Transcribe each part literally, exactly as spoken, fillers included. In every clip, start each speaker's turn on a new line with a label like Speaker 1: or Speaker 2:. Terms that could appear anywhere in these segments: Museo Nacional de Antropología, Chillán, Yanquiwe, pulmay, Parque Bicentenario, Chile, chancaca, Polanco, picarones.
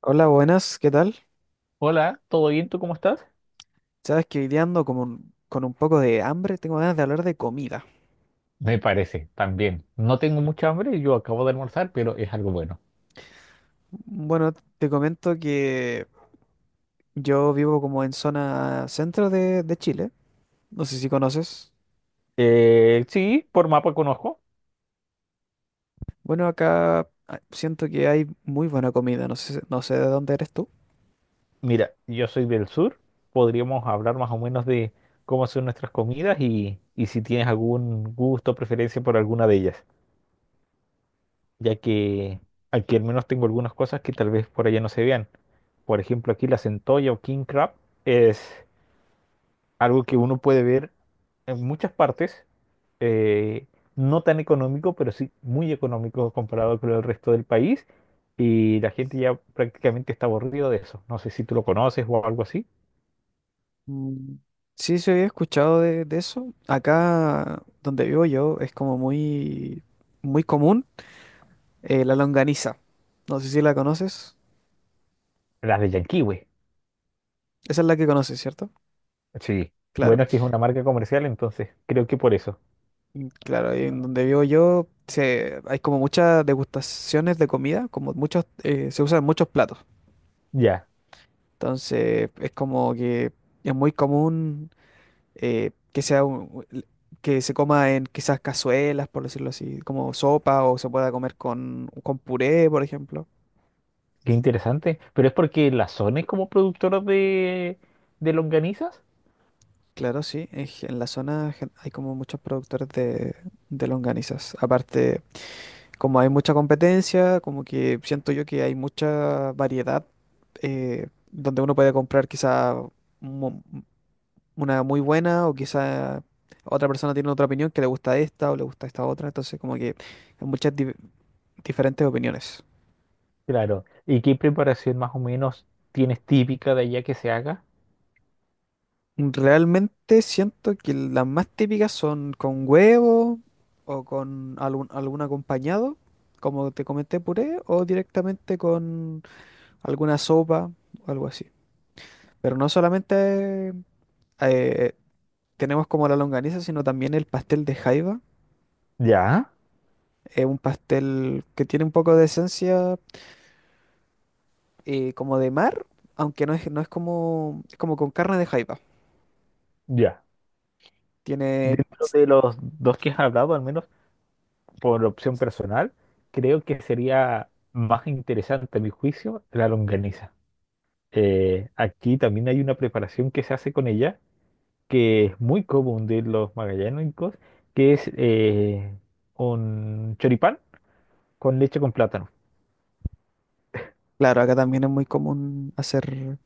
Speaker 1: Hola, buenas, ¿qué tal?
Speaker 2: Hola, ¿todo bien? ¿Tú cómo estás?
Speaker 1: Sabes que hoy día ando como un- con un poco de hambre, tengo ganas de hablar de comida.
Speaker 2: Me parece, también. No tengo mucha hambre, yo acabo de almorzar, pero es algo bueno.
Speaker 1: Bueno, te comento que yo vivo como en zona centro de, de Chile, no sé si conoces.
Speaker 2: Eh, sí, por mapa conozco.
Speaker 1: Bueno, acá ah, siento que hay muy buena comida, no sé, no sé de dónde eres tú.
Speaker 2: Mira, yo soy del sur. Podríamos hablar más o menos de cómo son nuestras comidas y, y si tienes algún gusto o preferencia por alguna de ellas, ya que aquí al menos tengo algunas cosas que tal vez por allá no se vean. Por ejemplo, aquí la centolla o king crab es algo que uno puede ver en muchas partes, eh, no tan económico, pero sí muy económico comparado con el resto del país, y la gente ya prácticamente está aburrido de eso. No sé si tú lo conoces o algo así.
Speaker 1: Mm, sí, se había escuchado de, de eso. Acá donde vivo yo es como muy, muy común eh, la longaniza. No sé si la conoces.
Speaker 2: Las de Yanquiwe.
Speaker 1: Esa es la que conoces, ¿cierto?
Speaker 2: Sí.
Speaker 1: Claro.
Speaker 2: Bueno, es que es una marca comercial, entonces creo que por eso.
Speaker 1: Mm, claro, ahí en donde vivo yo se, hay como muchas degustaciones de comida, como muchos, eh, se usan muchos platos.
Speaker 2: Ya,
Speaker 1: Entonces es como que es muy común eh, que sea un- que se coma en quizás cazuelas, por decirlo así, como sopa o se pueda comer con, con puré, por ejemplo.
Speaker 2: qué interesante. Pero es porque la zona es como productora de, de longanizas.
Speaker 1: Claro, sí, en, gen- en la zona gen- hay como muchos productores de, de longanizas. Aparte, como hay mucha competencia, como que siento yo que hay mucha variedad, eh, donde uno puede comprar quizá mu- una muy buena o quizá otra persona tiene otra opinión que le gusta esta o le gusta esta otra. Entonces como que hay muchas di- diferentes opiniones.
Speaker 2: Claro. ¿Y qué preparación más o menos tienes típica de allá que se haga?
Speaker 1: Realmente siento que las más típicas son con huevo o con algún, algún acompañado, como te comenté, puré, o directamente con alguna sopa o algo así. Pero no solamente eh, tenemos como la longaniza, sino también el pastel de jaiba.
Speaker 2: Ya,
Speaker 1: Es un pastel que tiene un poco de esencia, eh, como de mar, aunque no es, no es como, es como con carne de jaiba.
Speaker 2: ya.
Speaker 1: Tiene,
Speaker 2: Dentro de los dos que has hablado, al menos por opción personal, creo que sería más interesante, a mi juicio, la longaniza. Eh, aquí también hay una preparación que se hace con ella, que es muy común de los magallánicos, que es eh, un choripán con leche con plátano.
Speaker 1: claro, acá también es muy común hacer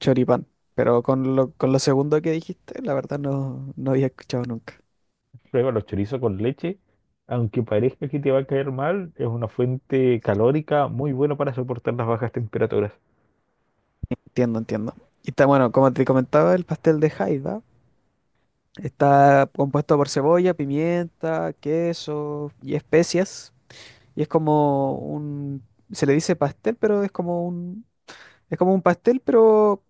Speaker 1: choripán, pero con lo, con lo segundo que dijiste, la verdad no, no había escuchado nunca.
Speaker 2: Prueba los chorizos con leche, aunque parezca que te va a caer mal, es una fuente calórica muy buena para soportar las bajas temperaturas.
Speaker 1: Entiendo, entiendo. Y está bueno, como te comentaba, el pastel de jaiba está compuesto por cebolla, pimienta, queso y especias. Y es como un, se le dice pastel, pero es como un, es como un pastel, pero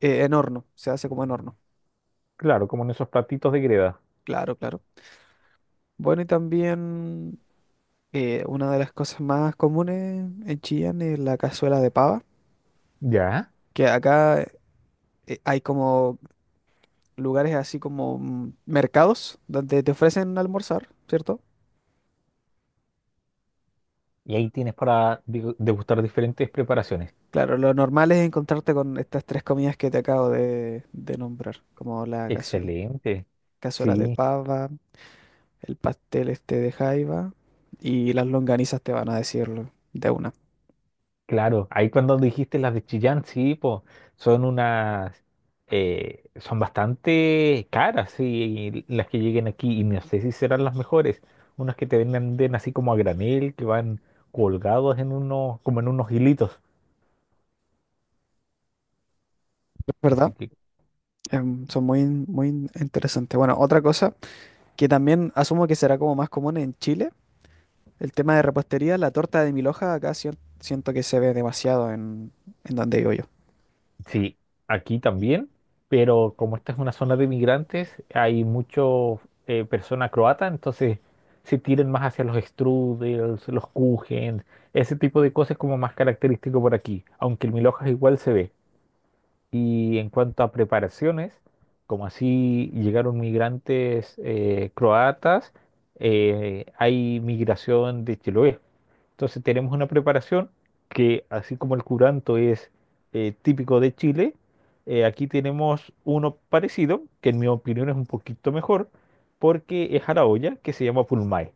Speaker 1: eh, en horno, se hace como en horno.
Speaker 2: Claro, como en esos platitos de greda.
Speaker 1: Claro, claro. Bueno, y también eh, una de las cosas más comunes en Chillán es la cazuela de pava,
Speaker 2: ¿Ya?
Speaker 1: que acá eh, hay como lugares así como mm, mercados donde te ofrecen almorzar, ¿cierto?
Speaker 2: Y ahí tienes para digo, degustar diferentes preparaciones.
Speaker 1: Claro, lo normal es encontrarte con estas tres comidas que te acabo de, de nombrar, como la cazuela,
Speaker 2: Excelente.
Speaker 1: cazuela de
Speaker 2: Sí,
Speaker 1: pava, el pastel este de jaiba y las longanizas te van a decirlo de una.
Speaker 2: claro. Ahí cuando dijiste las de Chillán, sí, pues son unas, eh, son bastante caras, sí, las que lleguen aquí. Y no sé si serán las mejores. Unas que te venden así como a granel, que van colgados en unos, como en unos hilitos.
Speaker 1: Es
Speaker 2: Así
Speaker 1: ¿verdad?
Speaker 2: que
Speaker 1: Em, son muy, in- muy in- interesantes. Bueno, otra cosa que también asumo que será como más común en Chile, el tema de repostería, la torta de mil hojas acá sien- siento que se ve demasiado en, en donde vivo yo.
Speaker 2: sí, aquí también, pero como esta es una zona de migrantes, hay mucho eh, persona croata, entonces se tiran más hacia los strudels, los kuchen, ese tipo de cosas como más característico por aquí, aunque el milhojas igual se ve. Y en cuanto a preparaciones, como así llegaron migrantes eh, croatas, eh, hay migración de Chiloé. Entonces tenemos una preparación que, así como el curanto es eh, típico de Chile, eh, aquí tenemos uno parecido, que en mi opinión es un poquito mejor, porque es a la olla, que se llama pulmay,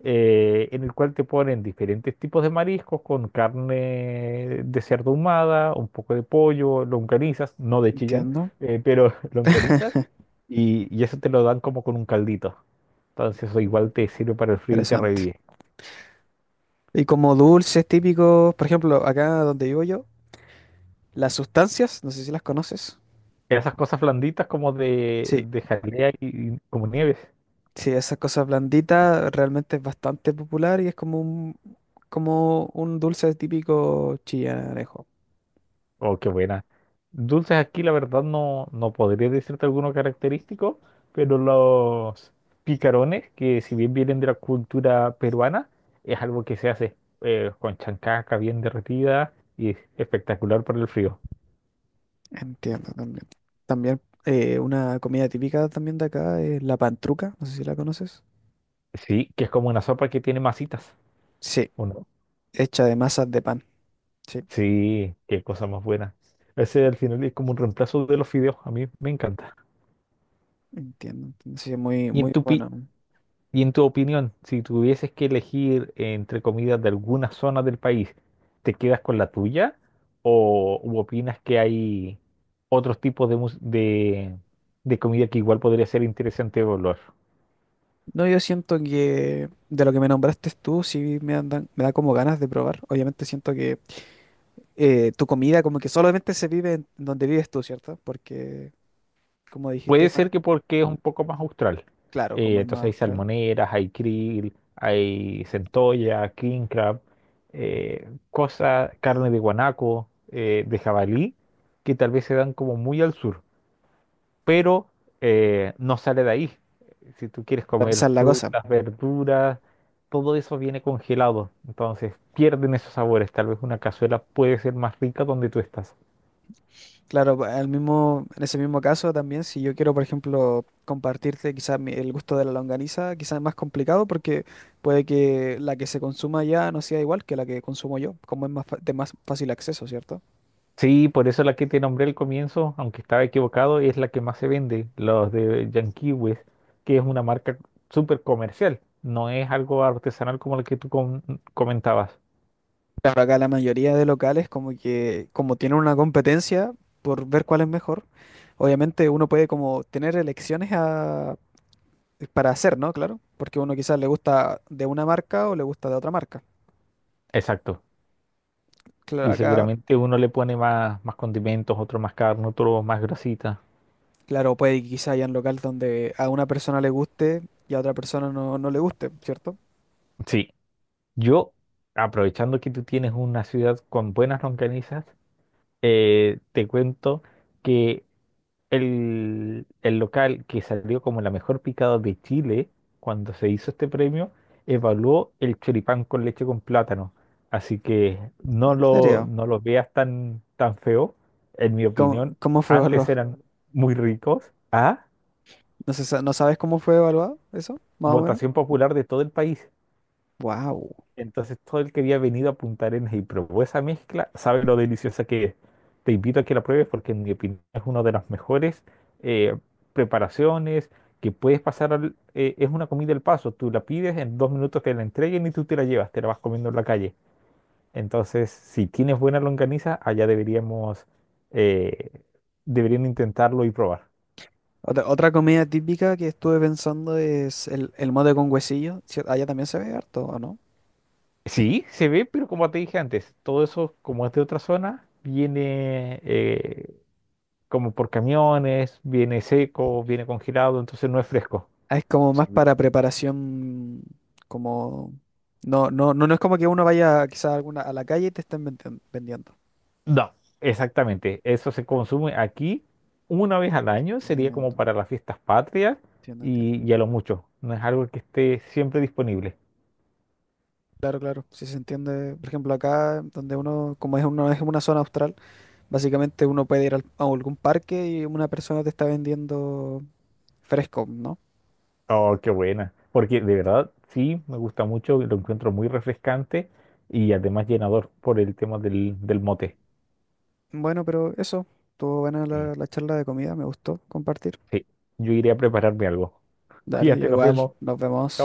Speaker 2: eh, en el cual te ponen diferentes tipos de mariscos con carne de cerdo ahumada, un poco de pollo, longanizas, no de Chillán,
Speaker 1: Entiendo.
Speaker 2: eh, pero longanizas, y, y eso te lo dan como con un caldito. Entonces eso igual te sirve para el frío y te
Speaker 1: Interesante.
Speaker 2: revive.
Speaker 1: Y como dulces típicos, por ejemplo, acá donde vivo yo, las sustancias, no sé si las conoces.
Speaker 2: Esas cosas blanditas como de,
Speaker 1: Sí,
Speaker 2: de jalea y, y como nieves.
Speaker 1: sí, esa cosa blandita realmente es bastante popular y es como un, como un dulce típico chillanejo.
Speaker 2: Oh, qué buena. Dulces aquí la verdad no, no podría decirte alguno característico, pero los picarones, que si bien vienen de la cultura peruana, es algo que se hace eh, con chancaca bien derretida y es espectacular para el frío.
Speaker 1: Entiendo también. También eh, una comida típica también de acá es la pantruca, no sé si la conoces.
Speaker 2: Sí, que es como una sopa que tiene masitas,
Speaker 1: Sí,
Speaker 2: ¿o no?
Speaker 1: hecha de masas de pan. Sí,
Speaker 2: Sí, qué cosa más buena. Ese al final es como un reemplazo de los fideos, a mí me encanta.
Speaker 1: entiendo, entiendo. Sí, es muy,
Speaker 2: ¿Y en
Speaker 1: muy
Speaker 2: tu, pi-
Speaker 1: bueno.
Speaker 2: ¿Y en tu opinión, si tuvieses que elegir entre comidas de algunas zonas del país, te quedas con la tuya o u opinas que hay otros tipos de, mus- de, de comida que igual podría ser interesante evaluar?
Speaker 1: No, yo siento que de lo que me nombraste tú, sí me andan, me da como ganas de probar. Obviamente siento que eh, tu comida como que solamente se vive en donde vives tú, ¿cierto? Porque, como dijiste,
Speaker 2: Puede ser que porque es un poco más austral.
Speaker 1: claro, como
Speaker 2: Eh,
Speaker 1: es más
Speaker 2: entonces hay
Speaker 1: austral.
Speaker 2: salmoneras, hay krill, hay centolla, king crab, eh, cosas, carne de guanaco, eh, de jabalí, que tal vez se dan como muy al sur. Pero eh, no sale de ahí. Si tú quieres
Speaker 1: Pero
Speaker 2: comer
Speaker 1: esa es la cosa.
Speaker 2: frutas, verduras, todo eso viene congelado, entonces pierden esos sabores. Tal vez una cazuela puede ser más rica donde tú estás.
Speaker 1: Claro, pa- al mismo, en ese mismo caso también, si yo quiero, por ejemplo, compartirte quizás mi- el gusto de la longaniza, quizás es más complicado porque puede que la que se consuma allá no sea igual que la que consumo yo, como es más fa- de más fácil acceso, ¿cierto?
Speaker 2: Sí, por eso la que te nombré al comienzo, aunque estaba equivocado, es la que más se vende, los de Yankees, que es una marca súper comercial, no es algo artesanal como el que tú com- comentabas.
Speaker 1: Claro, acá la mayoría de locales como que, como tienen una competencia por ver cuál es mejor, obviamente uno puede como tener elecciones a- para hacer, ¿no? Claro, porque uno quizás le gusta de una marca o le gusta de otra marca.
Speaker 2: Exacto.
Speaker 1: Claro,
Speaker 2: Y
Speaker 1: acá.
Speaker 2: seguramente uno le pone más, más condimentos, otro más carne, otro más grasita.
Speaker 1: Claro, puede que quizá hayan local donde a una persona le guste y a otra persona no, no le guste, ¿cierto?
Speaker 2: Sí. Yo, aprovechando que tú tienes una ciudad con buenas longanizas, eh, te cuento que el, el local que salió como la mejor picada de Chile cuando se hizo este premio, evaluó el choripán con leche con plátano. Así que no
Speaker 1: ¿En
Speaker 2: lo,
Speaker 1: serio?
Speaker 2: no lo veas tan, tan feo. En mi
Speaker 1: ¿Cómo,
Speaker 2: opinión,
Speaker 1: cómo fue
Speaker 2: antes
Speaker 1: evaluado?
Speaker 2: eran muy ricos. A
Speaker 1: ¿No se sa- no sabes cómo fue evaluado eso? Más o menos.
Speaker 2: votación popular de todo el país.
Speaker 1: Wow.
Speaker 2: Entonces todo el que había venido a Punta Arenas y probó esa mezcla sabe lo deliciosa que es. Te invito a que la pruebes porque en mi opinión es una de las mejores eh, preparaciones que puedes pasar al... eh, es una comida al paso, tú la pides en dos minutos que la entreguen y tú te la llevas, te la vas comiendo en la calle. Entonces, si tienes buena longaniza, allá deberíamos, eh, deberían intentarlo y probar.
Speaker 1: Otra, otra comida típica que estuve pensando es el, el mote con huesillo. ¿Cier-? Allá también se ve harto, ¿o no?
Speaker 2: Sí, se ve, pero como te dije antes, todo eso, como es de otra zona, viene, eh, como por camiones, viene seco, viene congelado, entonces no es fresco.
Speaker 1: Ah, es como
Speaker 2: Sí.
Speaker 1: más
Speaker 2: Vi-
Speaker 1: para preparación, como... No, no, no, no es como que uno vaya quizá a alguna, a la calle y te estén vendi- vendiendo.
Speaker 2: No, exactamente. Eso se consume aquí una vez al año, sería como
Speaker 1: Entiendo,
Speaker 2: para las fiestas patrias
Speaker 1: entiendo, entiendo.
Speaker 2: y, y a lo mucho. No es algo que esté siempre disponible.
Speaker 1: Claro, claro, si se entiende, por ejemplo, acá donde uno, como es uno, es una zona austral, básicamente uno puede ir al- a algún parque y una persona te está vendiendo fresco, ¿no?
Speaker 2: Oh, qué buena. Porque de verdad, sí, me gusta mucho, lo encuentro muy refrescante y además llenador por el tema del, del mote.
Speaker 1: Bueno, pero eso, estuvo buena
Speaker 2: Sí.
Speaker 1: la, la charla de comida, me gustó compartir.
Speaker 2: Sí, yo iré a prepararme algo.
Speaker 1: Dale, yo
Speaker 2: Cuídate, nos
Speaker 1: igual,
Speaker 2: vemos.
Speaker 1: nos vemos.